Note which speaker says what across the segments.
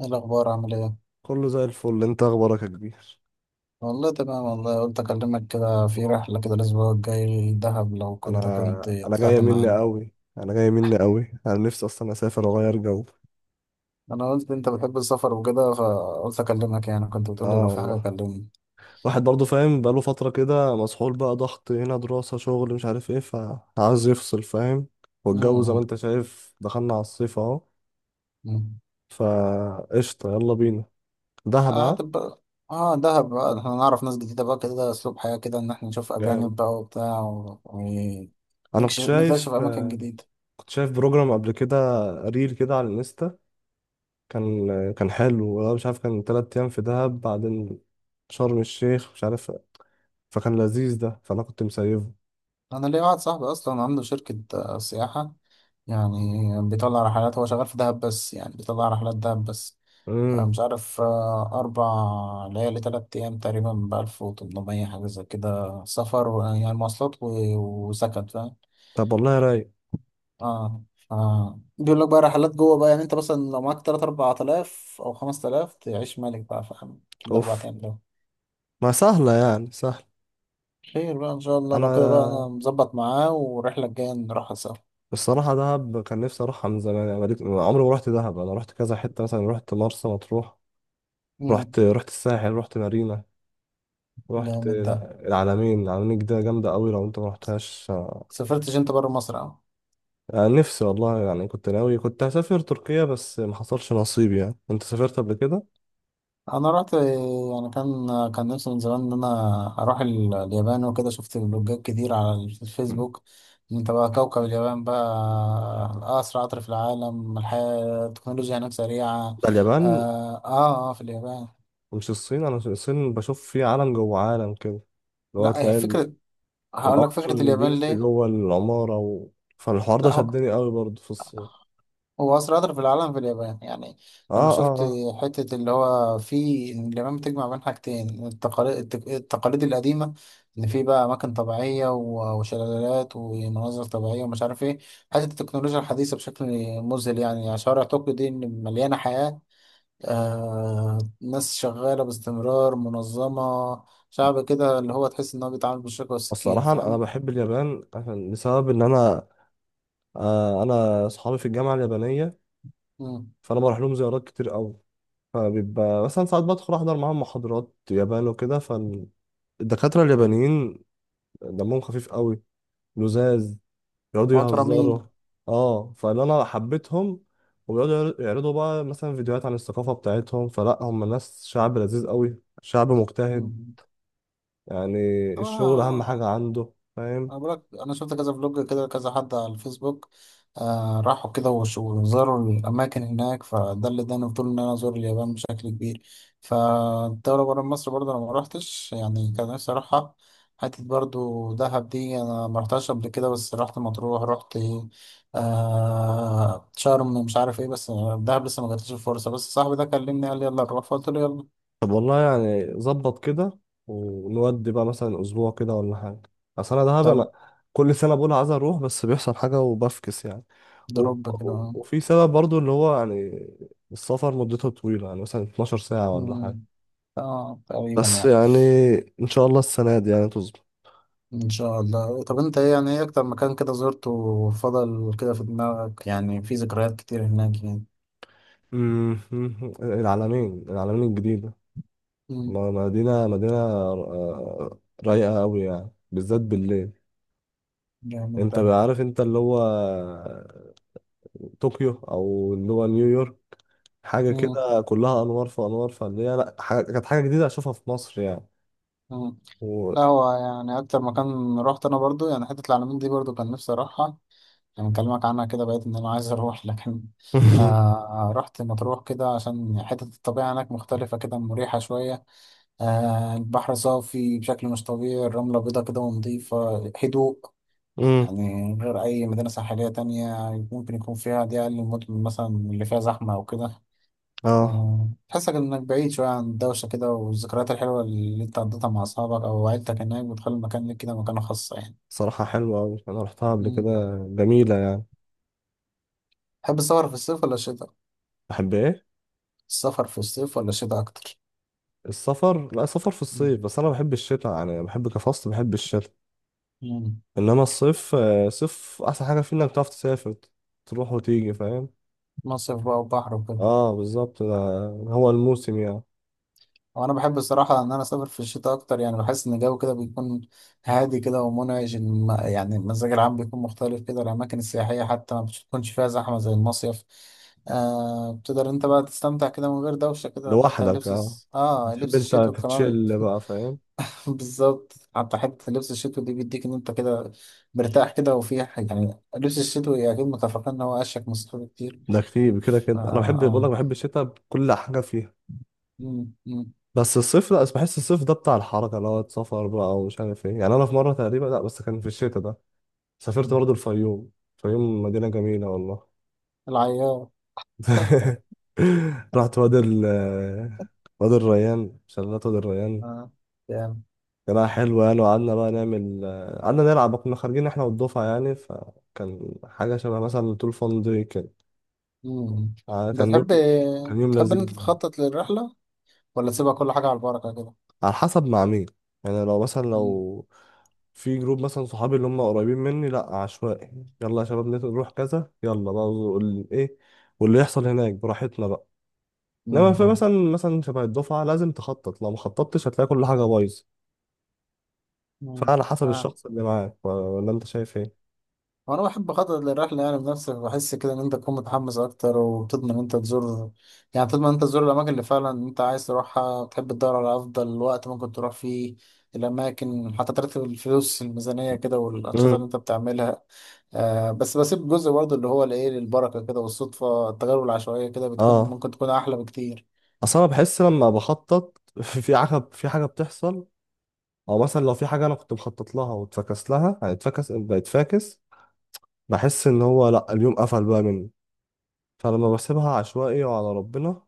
Speaker 1: ايه الاخبار؟ عامل ايه؟
Speaker 2: كله زي الفل. انت اخبارك يا كبير؟
Speaker 1: والله تمام. والله قلت اكلمك كده في رحله كده الاسبوع الجاي دهب، لو
Speaker 2: انا
Speaker 1: كنت
Speaker 2: انا جايه
Speaker 1: طلعت
Speaker 2: مني
Speaker 1: معانا.
Speaker 2: قوي، انا جايه مني قوي، انا نفسي اصلا اسافر واغير جو.
Speaker 1: انا قلت انت بتحب السفر وكده فقلت اكلمك، يعني كنت بتقول لي
Speaker 2: اه
Speaker 1: لو في حاجه
Speaker 2: والله.
Speaker 1: كلمني.
Speaker 2: واحد برضه فاهم، بقاله فتره كده مسحول، بقى ضغط هنا، دراسه، شغل، مش عارف ايه، فعاوز يفصل، فاهم؟ والجو زي ما
Speaker 1: امم،
Speaker 2: انت شايف دخلنا على الصيف اهو.
Speaker 1: امم.
Speaker 2: فقشطه يلا بينا. دهب،
Speaker 1: اه
Speaker 2: ها؟
Speaker 1: تبقى. اه دهب بقى احنا نعرف ناس جديده بقى، كده اسلوب حياه، كده ان احنا نشوف
Speaker 2: جامد.
Speaker 1: اجانب بقى وبتاع
Speaker 2: انا كنت
Speaker 1: نكتشف
Speaker 2: شايف،
Speaker 1: اماكن جديده.
Speaker 2: كنت شايف بروجرام قبل كده، ريل كده على الانستا، كان، كان حلو والله. مش عارف، كان تلات ايام في دهب، بعدين شرم الشيخ، مش عارف. فكان لذيذ ده، فانا كنت مسيبه.
Speaker 1: انا ليا واحد صاحبي اصلا عنده شركه سياحه، يعني بيطلع رحلات، هو شغال في دهب بس، يعني بيطلع رحلات دهب بس. أنا
Speaker 2: امم
Speaker 1: مش عارف، 4 ليالي 3 أيام تقريبا بـ1800 حاجة زي كده، سفر يعني مواصلات وسكن، فاهم؟
Speaker 2: طب والله رايق.
Speaker 1: اه، اه، بيقول لك بقى رحلات جوه بقى، يعني أنت مثلا لو معاك تلات أربع آلاف أو 5 آلاف تعيش ملك بقى، فاهم؟ في الأربع
Speaker 2: اوف.
Speaker 1: أيام دول.
Speaker 2: ما سهله يعني، سهل.
Speaker 1: خير بقى إن شاء الله، لو كده بقى
Speaker 2: انا
Speaker 1: أنا مظبط معاه والرحلة الجاية نروحها سوا.
Speaker 2: الصراحه دهب كان نفسي اروحها من زمان، يعني عمري ما رحت دهب. انا رحت كذا حته، مثلا رحت مرسى مطروح،
Speaker 1: مم.
Speaker 2: رحت الساحل، رحت مارينا، رحت
Speaker 1: جامد ده.
Speaker 2: العلمين. العلمين دي جامده قوي لو انت ما رحتهاش.
Speaker 1: سافرتش أنت برا مصر أهو؟
Speaker 2: أنا نفسي والله، يعني كنت ناوي، كنت هسافر تركيا بس ما حصلش نصيب. يعني انت سافرت قبل كده؟
Speaker 1: انا رحت، يعني كان نفسي من زمان ان انا اروح اليابان وكده، شفت فلوجات كتير على
Speaker 2: مم.
Speaker 1: الفيسبوك. إن انت بقى كوكب اليابان بقى اسرع قطر في العالم، الحياة التكنولوجيا هناك سريعة.
Speaker 2: ده اليابان
Speaker 1: اه، اه، آه، في اليابان.
Speaker 2: ومش الصين. انا الصين بشوف فيه عالم جوه عالم كده، اللي هو
Speaker 1: لا هي
Speaker 2: تلاقي
Speaker 1: فكرة، هقول لك
Speaker 2: القطر
Speaker 1: فكرة
Speaker 2: اللي
Speaker 1: اليابان
Speaker 2: بيمشي
Speaker 1: ليه.
Speaker 2: جوه العمارة فالحوار ده
Speaker 1: لا، هو
Speaker 2: شدني قوي برضه في الصين.
Speaker 1: هو أسرع قطر في العالم في اليابان، يعني.
Speaker 2: اه
Speaker 1: لما
Speaker 2: اه
Speaker 1: شفت
Speaker 2: اه.
Speaker 1: حتة اللي هو في إن اليابان بتجمع بين حاجتين، التقاليد القديمة. إن في بقى أماكن طبيعية وشلالات ومناظر طبيعية ومش عارف إيه. حتة التكنولوجيا الحديثة بشكل مذهل، يعني شوارع طوكيو دي إن مليانة حياة. آه، ناس شغالة باستمرار منظمة. شعب كده اللي هو تحس إن هو بيتعامل بالشوكة والسكينة،
Speaker 2: الصراحة، أنا
Speaker 1: فاهم؟
Speaker 2: بحب اليابان عشان، بسبب إن أنا، آه أنا أصحابي في الجامعة اليابانية،
Speaker 1: مم.
Speaker 2: فأنا بروح لهم زيارات كتير قوي. فبيبقى مثلا ساعات بدخل أحضر معاهم محاضرات يابان وكده، فالدكاترة اليابانيين دمهم خفيف قوي، لزاز، بيقعدوا
Speaker 1: محترمين.
Speaker 2: يهزروا. اه، فاللي انا حبيتهم، وبيقعدوا يعرضوا بقى مثلا فيديوهات عن الثقافة بتاعتهم. فلا هم ناس، شعب لذيذ قوي، شعب مجتهد
Speaker 1: مم.
Speaker 2: يعني. الشغل اهم حاجة
Speaker 1: آه.
Speaker 2: عنده، فاهم؟
Speaker 1: انا بقولك، انا شفت كذا فلوج كده، كذا حد على الفيسبوك. آه، راحوا كده وزاروا الاماكن هناك، فده اللي اداني فضول ان انا ازور اليابان بشكل كبير. فالدوله بره مصر برضه انا ما روحتش، يعني كان نفسي اروحها. حتة برضه دهب دي انا ما رحتهاش قبل كده، بس رحت مطروح، رحت شرم، مش عارف ايه، بس. دهب لسه ما جاتليش الفرصه، بس صاحبي ده كلمني قال لي يلا نروح، فقلت له يلا.
Speaker 2: طب والله يعني ظبط كده. ونودي بقى مثلا اسبوع كده ولا حاجة. اصل انا دهب،
Speaker 1: طب.
Speaker 2: انا كل سنة بقول عايز اروح بس بيحصل حاجة وبفكس يعني. و...
Speaker 1: دروب كده.
Speaker 2: وفي سبب برضو اللي هو يعني السفر مدته طويلة، يعني مثلا 12 ساعة ولا
Speaker 1: مم.
Speaker 2: حاجة.
Speaker 1: اه، تقريبا
Speaker 2: بس
Speaker 1: يعني.
Speaker 2: يعني ان شاء الله السنه دي يعني تظبط.
Speaker 1: ان شاء الله. طب انت ايه، يعني ايه اكتر مكان كده زرته وفضل كده في دماغك، يعني في ذكريات كتير هناك يعني؟
Speaker 2: أمم، العلمين، العلمين الجديده،
Speaker 1: مم.
Speaker 2: مدينه آه، رايقه قوي يعني بالذات بالليل.
Speaker 1: جامد
Speaker 2: انت
Speaker 1: ده.
Speaker 2: عارف انت اللي هو طوكيو او اللي هو نيويورك، حاجه
Speaker 1: مم.
Speaker 2: كده كلها انوار في انوار، فاللي هي لا، حاجة كانت، حاجه جديده اشوفها في مصر يعني.
Speaker 1: مم.
Speaker 2: و...
Speaker 1: لا هو يعني، اكتر مكان رحت انا برضو يعني حتة العلمين دي، برضو كان نفسي اروحها. يعني اكلمك عنها كده، بقيت ان انا عايز اروح لكن. آه، رحت مطروح كده عشان حتة الطبيعة هناك مختلفة كده، مريحة شوية. آه، البحر صافي بشكل مش طبيعي، الرملة بيضة كده ونضيفة، هدوء.
Speaker 2: أمم،
Speaker 1: يعني غير أي مدينة ساحلية تانية ممكن يكون فيها، دي أقل المدن مثلا اللي فيها زحمة أو كده.
Speaker 2: اه
Speaker 1: آه، تحسك إنك بعيد شوية عن الدوشة كده، والذكريات الحلوة اللي أنت قضيتها مع أصحابك أو عيلتك هناك بتخلي المكان ليك كده مكانة خاصة يعني.
Speaker 2: صراحه حلوه قوي، انا رحتها قبل
Speaker 1: مم.
Speaker 2: كده، جميله يعني.
Speaker 1: تحب السفر في الصيف ولا الشتاء؟
Speaker 2: بحب ايه؟
Speaker 1: السفر في الصيف ولا الشتاء أكتر؟
Speaker 2: السفر؟ لا، سفر في
Speaker 1: مم.
Speaker 2: الصيف، بس انا بحب الشتاء يعني، بحب كفصل بحب الشتاء.
Speaker 1: مم.
Speaker 2: انما الصيف آه، صيف احسن حاجه فيه انك تعرف تسافر، تروح وتيجي، فاهم؟
Speaker 1: مصيف بقى وبحر وكده.
Speaker 2: اه بالظبط، ده هو الموسم يعني.
Speaker 1: وانا بحب الصراحه ان انا اسافر في الشتاء اكتر، يعني بحس ان الجو كده بيكون هادي كده ومنعش، يعني المزاج العام بيكون مختلف كده، الاماكن السياحيه حتى ما بتكونش فيها زحمه زي المصيف. آه بتقدر انت بقى تستمتع كده من غير دوشه كده، حتى
Speaker 2: لوحدك
Speaker 1: اللبس
Speaker 2: اه، بتحب
Speaker 1: لبس
Speaker 2: انت
Speaker 1: الشتوي كمان.
Speaker 2: تتشل بقى، فاهم؟
Speaker 1: بالظبط، حتى حته لبس الشتوي دي بيديك ان انت كده مرتاح كده، وفي يعني لبس الشتوي اكيد متفقين ان هو اشيك من الصيف كتير.
Speaker 2: ده كتير كده
Speaker 1: اه.
Speaker 2: كده، انا بحب، بقول لك
Speaker 1: اه.
Speaker 2: بحب الشتاء بكل حاجه فيها.
Speaker 1: مم، مم،
Speaker 2: بس الصيف لا، بس بحس الصيف ده بتاع الحركه، اللي هو سفر بقى ومش عارف ايه. يعني انا في مره تقريبا، لا بس كان في الشتاء ده، سافرت
Speaker 1: مم.
Speaker 2: برضه الفيوم. الفيوم مدينه جميله والله.
Speaker 1: العيار.
Speaker 2: رحت وادي الريان، شلالات وادي الريان.
Speaker 1: آه.
Speaker 2: كان حلو يعني، وقعدنا بقى نعمل، قعدنا نلعب، كنا خارجين احنا والدفعة يعني، فكان حاجة شبه مثلا طول فان دي كده.
Speaker 1: مم.
Speaker 2: آه،
Speaker 1: انت
Speaker 2: كان يوم،
Speaker 1: تحب،
Speaker 2: كان يوم
Speaker 1: تحب
Speaker 2: لذيذ.
Speaker 1: ان انت تخطط للرحله ولا تسيبها كل حاجه على البركه كده؟
Speaker 2: على حسب مع مين، يعني لو مثلا،
Speaker 1: مم.
Speaker 2: لو في جروب مثلا صحابي اللي هم قريبين مني، لا عشوائي يلا يا شباب نروح كذا، يلا بقى ايه، واللي يحصل هناك براحتنا بقى. انما في
Speaker 1: مم.
Speaker 2: مثلا، شبه الدفعه لازم تخطط، لو ما خططتش هتلاقي كل حاجه بايظه.
Speaker 1: مم.
Speaker 2: فعلى حسب
Speaker 1: اه.
Speaker 2: الشخص اللي معاك، ولا انت شايف ايه؟
Speaker 1: وانا بحب اخطط للرحله يعني بنفسي، بحس كده ان انت تكون متحمس اكتر، وبتضمن ان انت تزور، يعني تضمن ان انت تزور الاماكن اللي فعلا انت عايز تروحها، بتحب تدور على افضل وقت ممكن تروح فيه الاماكن، حتى ترتب الفلوس الميزانيه كده والانشطه
Speaker 2: امم
Speaker 1: اللي انت بتعملها. آه بس بسيب جزء برضه اللي هو الايه للبركه كده، والصدفه التجارب العشوائيه كده بتكون
Speaker 2: اه.
Speaker 1: ممكن تكون احلى بكتير.
Speaker 2: اصل انا بحس لما بخطط في حاجه، في حاجه بتحصل، او مثلا لو في حاجه انا كنت مخطط لها واتفكس لها، يعني اتفكس بقت فاكس. بحس ان هو لا، اليوم قفل بقى مني. فلما بسيبها عشوائي وعلى ربنا،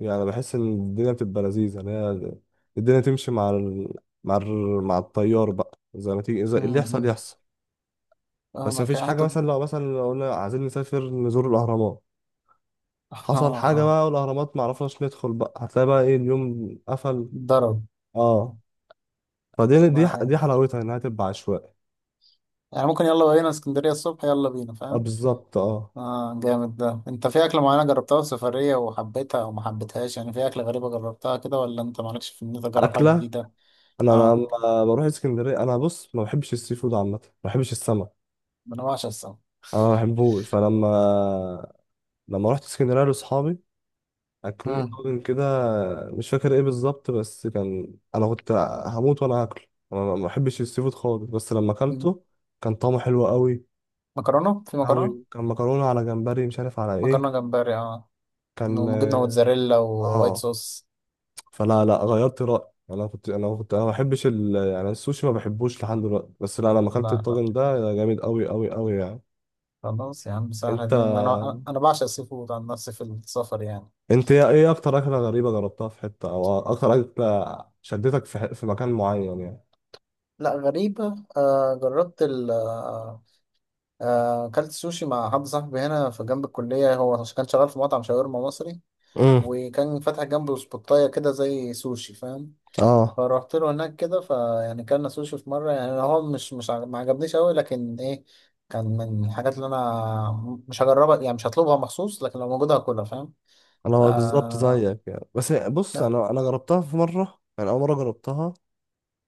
Speaker 2: يعني بحس ان الدنيا بتبقى لذيذه، اللي هي الدنيا تمشي مع مع التيار بقى، زي ما تيجي، زي اللي يحصل
Speaker 1: مم.
Speaker 2: يحصل.
Speaker 1: اه،
Speaker 2: بس
Speaker 1: ما
Speaker 2: مفيش
Speaker 1: كان
Speaker 2: حاجة،
Speaker 1: حتى.
Speaker 2: مثلا لو، مثلا لو قلنا عايزين نسافر نزور الأهرامات،
Speaker 1: اه،
Speaker 2: حصل حاجة
Speaker 1: اه.
Speaker 2: بقى والأهرامات معرفناش ندخل، بقى هتلاقي بقى إيه، اليوم قفل.
Speaker 1: ضرب.
Speaker 2: اه فدي، دي
Speaker 1: ما
Speaker 2: دي
Speaker 1: يعني
Speaker 2: حلاوتها إنها تبقى عشوائي.
Speaker 1: يعني ممكن يلا بينا اسكندرية الصبح، يلا بينا
Speaker 2: اه
Speaker 1: فاهم.
Speaker 2: بالظبط اه.
Speaker 1: اه جامد ده. انت في اكلة معينة جربتها في سفرية وحبيتها او ما حبيتهاش؟ يعني في اكلة غريبة جربتها كده، ولا انت مالكش في ان انت تجرب حاجة
Speaker 2: أكلة،
Speaker 1: جديدة؟
Speaker 2: أنا
Speaker 1: اه،
Speaker 2: لما بروح اسكندرية، أنا بص ما بحبش السي فود عامة، ما بحبش السمك،
Speaker 1: ما انا بعشق السمك.
Speaker 2: أنا ما بحبوش. فلما، لما رحت اسكندرية لأصحابي، اكلوني
Speaker 1: مم.
Speaker 2: طاجن كده، مش فاكر ايه بالظبط، بس كان، انا كنت هموت وانا اكله. انا ما بحبش السي فود خالص، بس لما
Speaker 1: مم.
Speaker 2: اكلته كان طعمه حلو قوي
Speaker 1: مكرونة، في مكرونة؟
Speaker 2: قوي. كان مكرونه على جمبري مش عارف على ايه،
Speaker 1: مكرونة جمبري، اه.
Speaker 2: كان،
Speaker 1: وجبنة موتزاريلا ووايت
Speaker 2: اه.
Speaker 1: صوص.
Speaker 2: فلا لا، غيرت رايي. انا كنت، انا كنت، انا ما بحبش يعني السوشي ما بحبوش لحد دلوقتي، بس لا لما اكلت
Speaker 1: لا، لا.
Speaker 2: الطاجن ده جامد قوي قوي قوي يعني.
Speaker 1: خلاص يا عم، سهلة
Speaker 2: انت،
Speaker 1: دي. انا بعشق السي فود عن نفسي في السفر، يعني.
Speaker 2: انت ايه إيه اكتر اكله غريبه جربتها في حته، او اكتر اكله شدتك في في مكان معين يعني؟
Speaker 1: لا غريبة، جربت ال أكلت سوشي مع حد صاحبي هنا في جنب الكلية، هو كان شغال في مطعم شاورما مصري،
Speaker 2: امم
Speaker 1: وكان فاتح جنبه سبوتاية كده زي سوشي، فاهم؟
Speaker 2: اه.
Speaker 1: فروحت له هناك كده، فيعني كلنا سوشي في مرة يعني، هو مش مش عج- ما عجبنيش أوي، لكن إيه كان من الحاجات اللي أنا مش هجربها، يعني مش هطلبها مخصوص، لكن لو موجودة هاكلها، فاهم؟
Speaker 2: انا هو بالظبط
Speaker 1: آه.
Speaker 2: زيك يعني، بس بص انا، جربتها في مره، يعني اول مره جربتها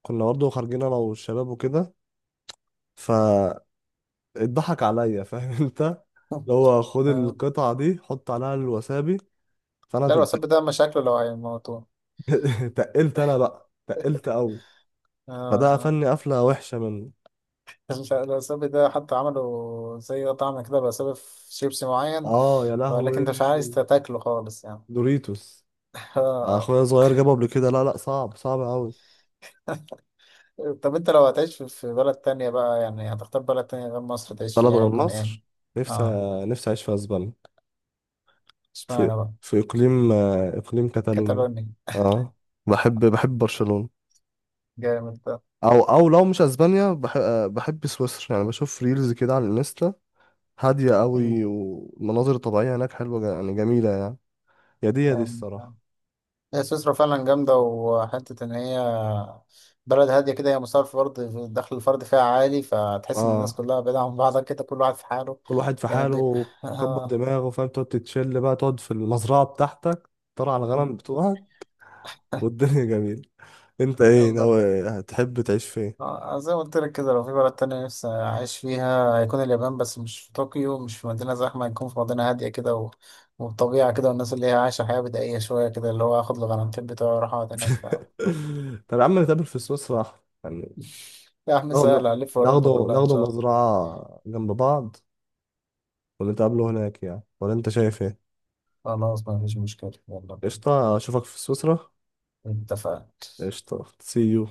Speaker 2: كنا برضه خارجين انا والشباب وكده، فاتضحك عليا فاهم انت اللي هو خد
Speaker 1: آه.
Speaker 2: القطعه دي حط عليها الوسابي، فانا
Speaker 1: لا، الوساب ده مشاكله لو هيموتوه.
Speaker 2: تقلت، انا بقى تقلت قوي،
Speaker 1: آه.
Speaker 2: فده
Speaker 1: آه.
Speaker 2: قفلني قفله وحشه منه.
Speaker 1: مش عارف الوسابي ده حتى عملوا زي طعم كده بسبب في شيبسي معين،
Speaker 2: اه يا
Speaker 1: بيقول لك
Speaker 2: لهوي.
Speaker 1: انت مش عايز تاكله خالص يعني.
Speaker 2: دوريتوس،
Speaker 1: آه.
Speaker 2: اخويا صغير جابه قبل كده، لا لا صعب صعب قوي.
Speaker 1: طب انت لو هتعيش في بلد تانية بقى، يعني هتختار بلد تانية غير مصر تعيش
Speaker 2: بلد
Speaker 1: فيها،
Speaker 2: غير
Speaker 1: هيكون ايه؟
Speaker 2: مصر؟ نفسي،
Speaker 1: اه.
Speaker 2: نفسي اعيش في اسبانيا. في،
Speaker 1: اشمعنى بقى؟
Speaker 2: في اقليم آه، اقليم كاتالونيا.
Speaker 1: كاتالونيا.
Speaker 2: اه، بحب، بحب برشلونة.
Speaker 1: جامد ده.
Speaker 2: او، او لو مش اسبانيا، بحب، بحب سويسرا يعني. بشوف ريلز كده على الانستا، هادية
Speaker 1: مم.
Speaker 2: قوي، والمناظر الطبيعية هناك حلوة يعني جميلة يعني. يا دي يا دي
Speaker 1: جامد ده.
Speaker 2: الصراحة.
Speaker 1: هي سويسرا فعلا جامدة، وحتة إن هي بلد هادية كده، هي مصارف فرد الدخل الفردي فيها عالي، فتحس إن الناس
Speaker 2: اه
Speaker 1: كلها بعيدة عن بعضها كده، كل واحد في حاله.
Speaker 2: كل واحد في
Speaker 1: يعني
Speaker 2: حاله، كبر
Speaker 1: آه.
Speaker 2: دماغه فاهم، تقعد تتشل بقى، تقعد في المزرعة بتاعتك، ترعى على الغنم بتوعك، والدنيا جميلة. انت ايه
Speaker 1: يلا.
Speaker 2: ناوي، هتحب تعيش فين؟
Speaker 1: آه، زي ما قلت لك كده لو في بلد تانية نفسي أعيش فيها هيكون اليابان، بس مش في طوكيو، مش في مدينة زحمة، هيكون في مدينة هادية كده والطبيعة كده، والناس اللي هي عايشة حياة بدائية شوية كده، اللي هو آخد الغرامتين بتوعي وأروح أقعد هناك، فاهم؟
Speaker 2: طب يا عم نتقابل في سويسرا يعني.
Speaker 1: يا عم
Speaker 2: ناخده،
Speaker 1: سهل، ألف، أوروبا
Speaker 2: ناخده
Speaker 1: كلها إن
Speaker 2: ناخده
Speaker 1: شاء الله.
Speaker 2: مزرعة جنب بعض ونتقابله هناك يعني، ولا انت شايف ايه؟
Speaker 1: خلاص ما فيش مشكلة، يلا بينا.
Speaker 2: قشطة، اشوفك في سويسرا.
Speaker 1: اتفقنا.
Speaker 2: قشطة، سي يو.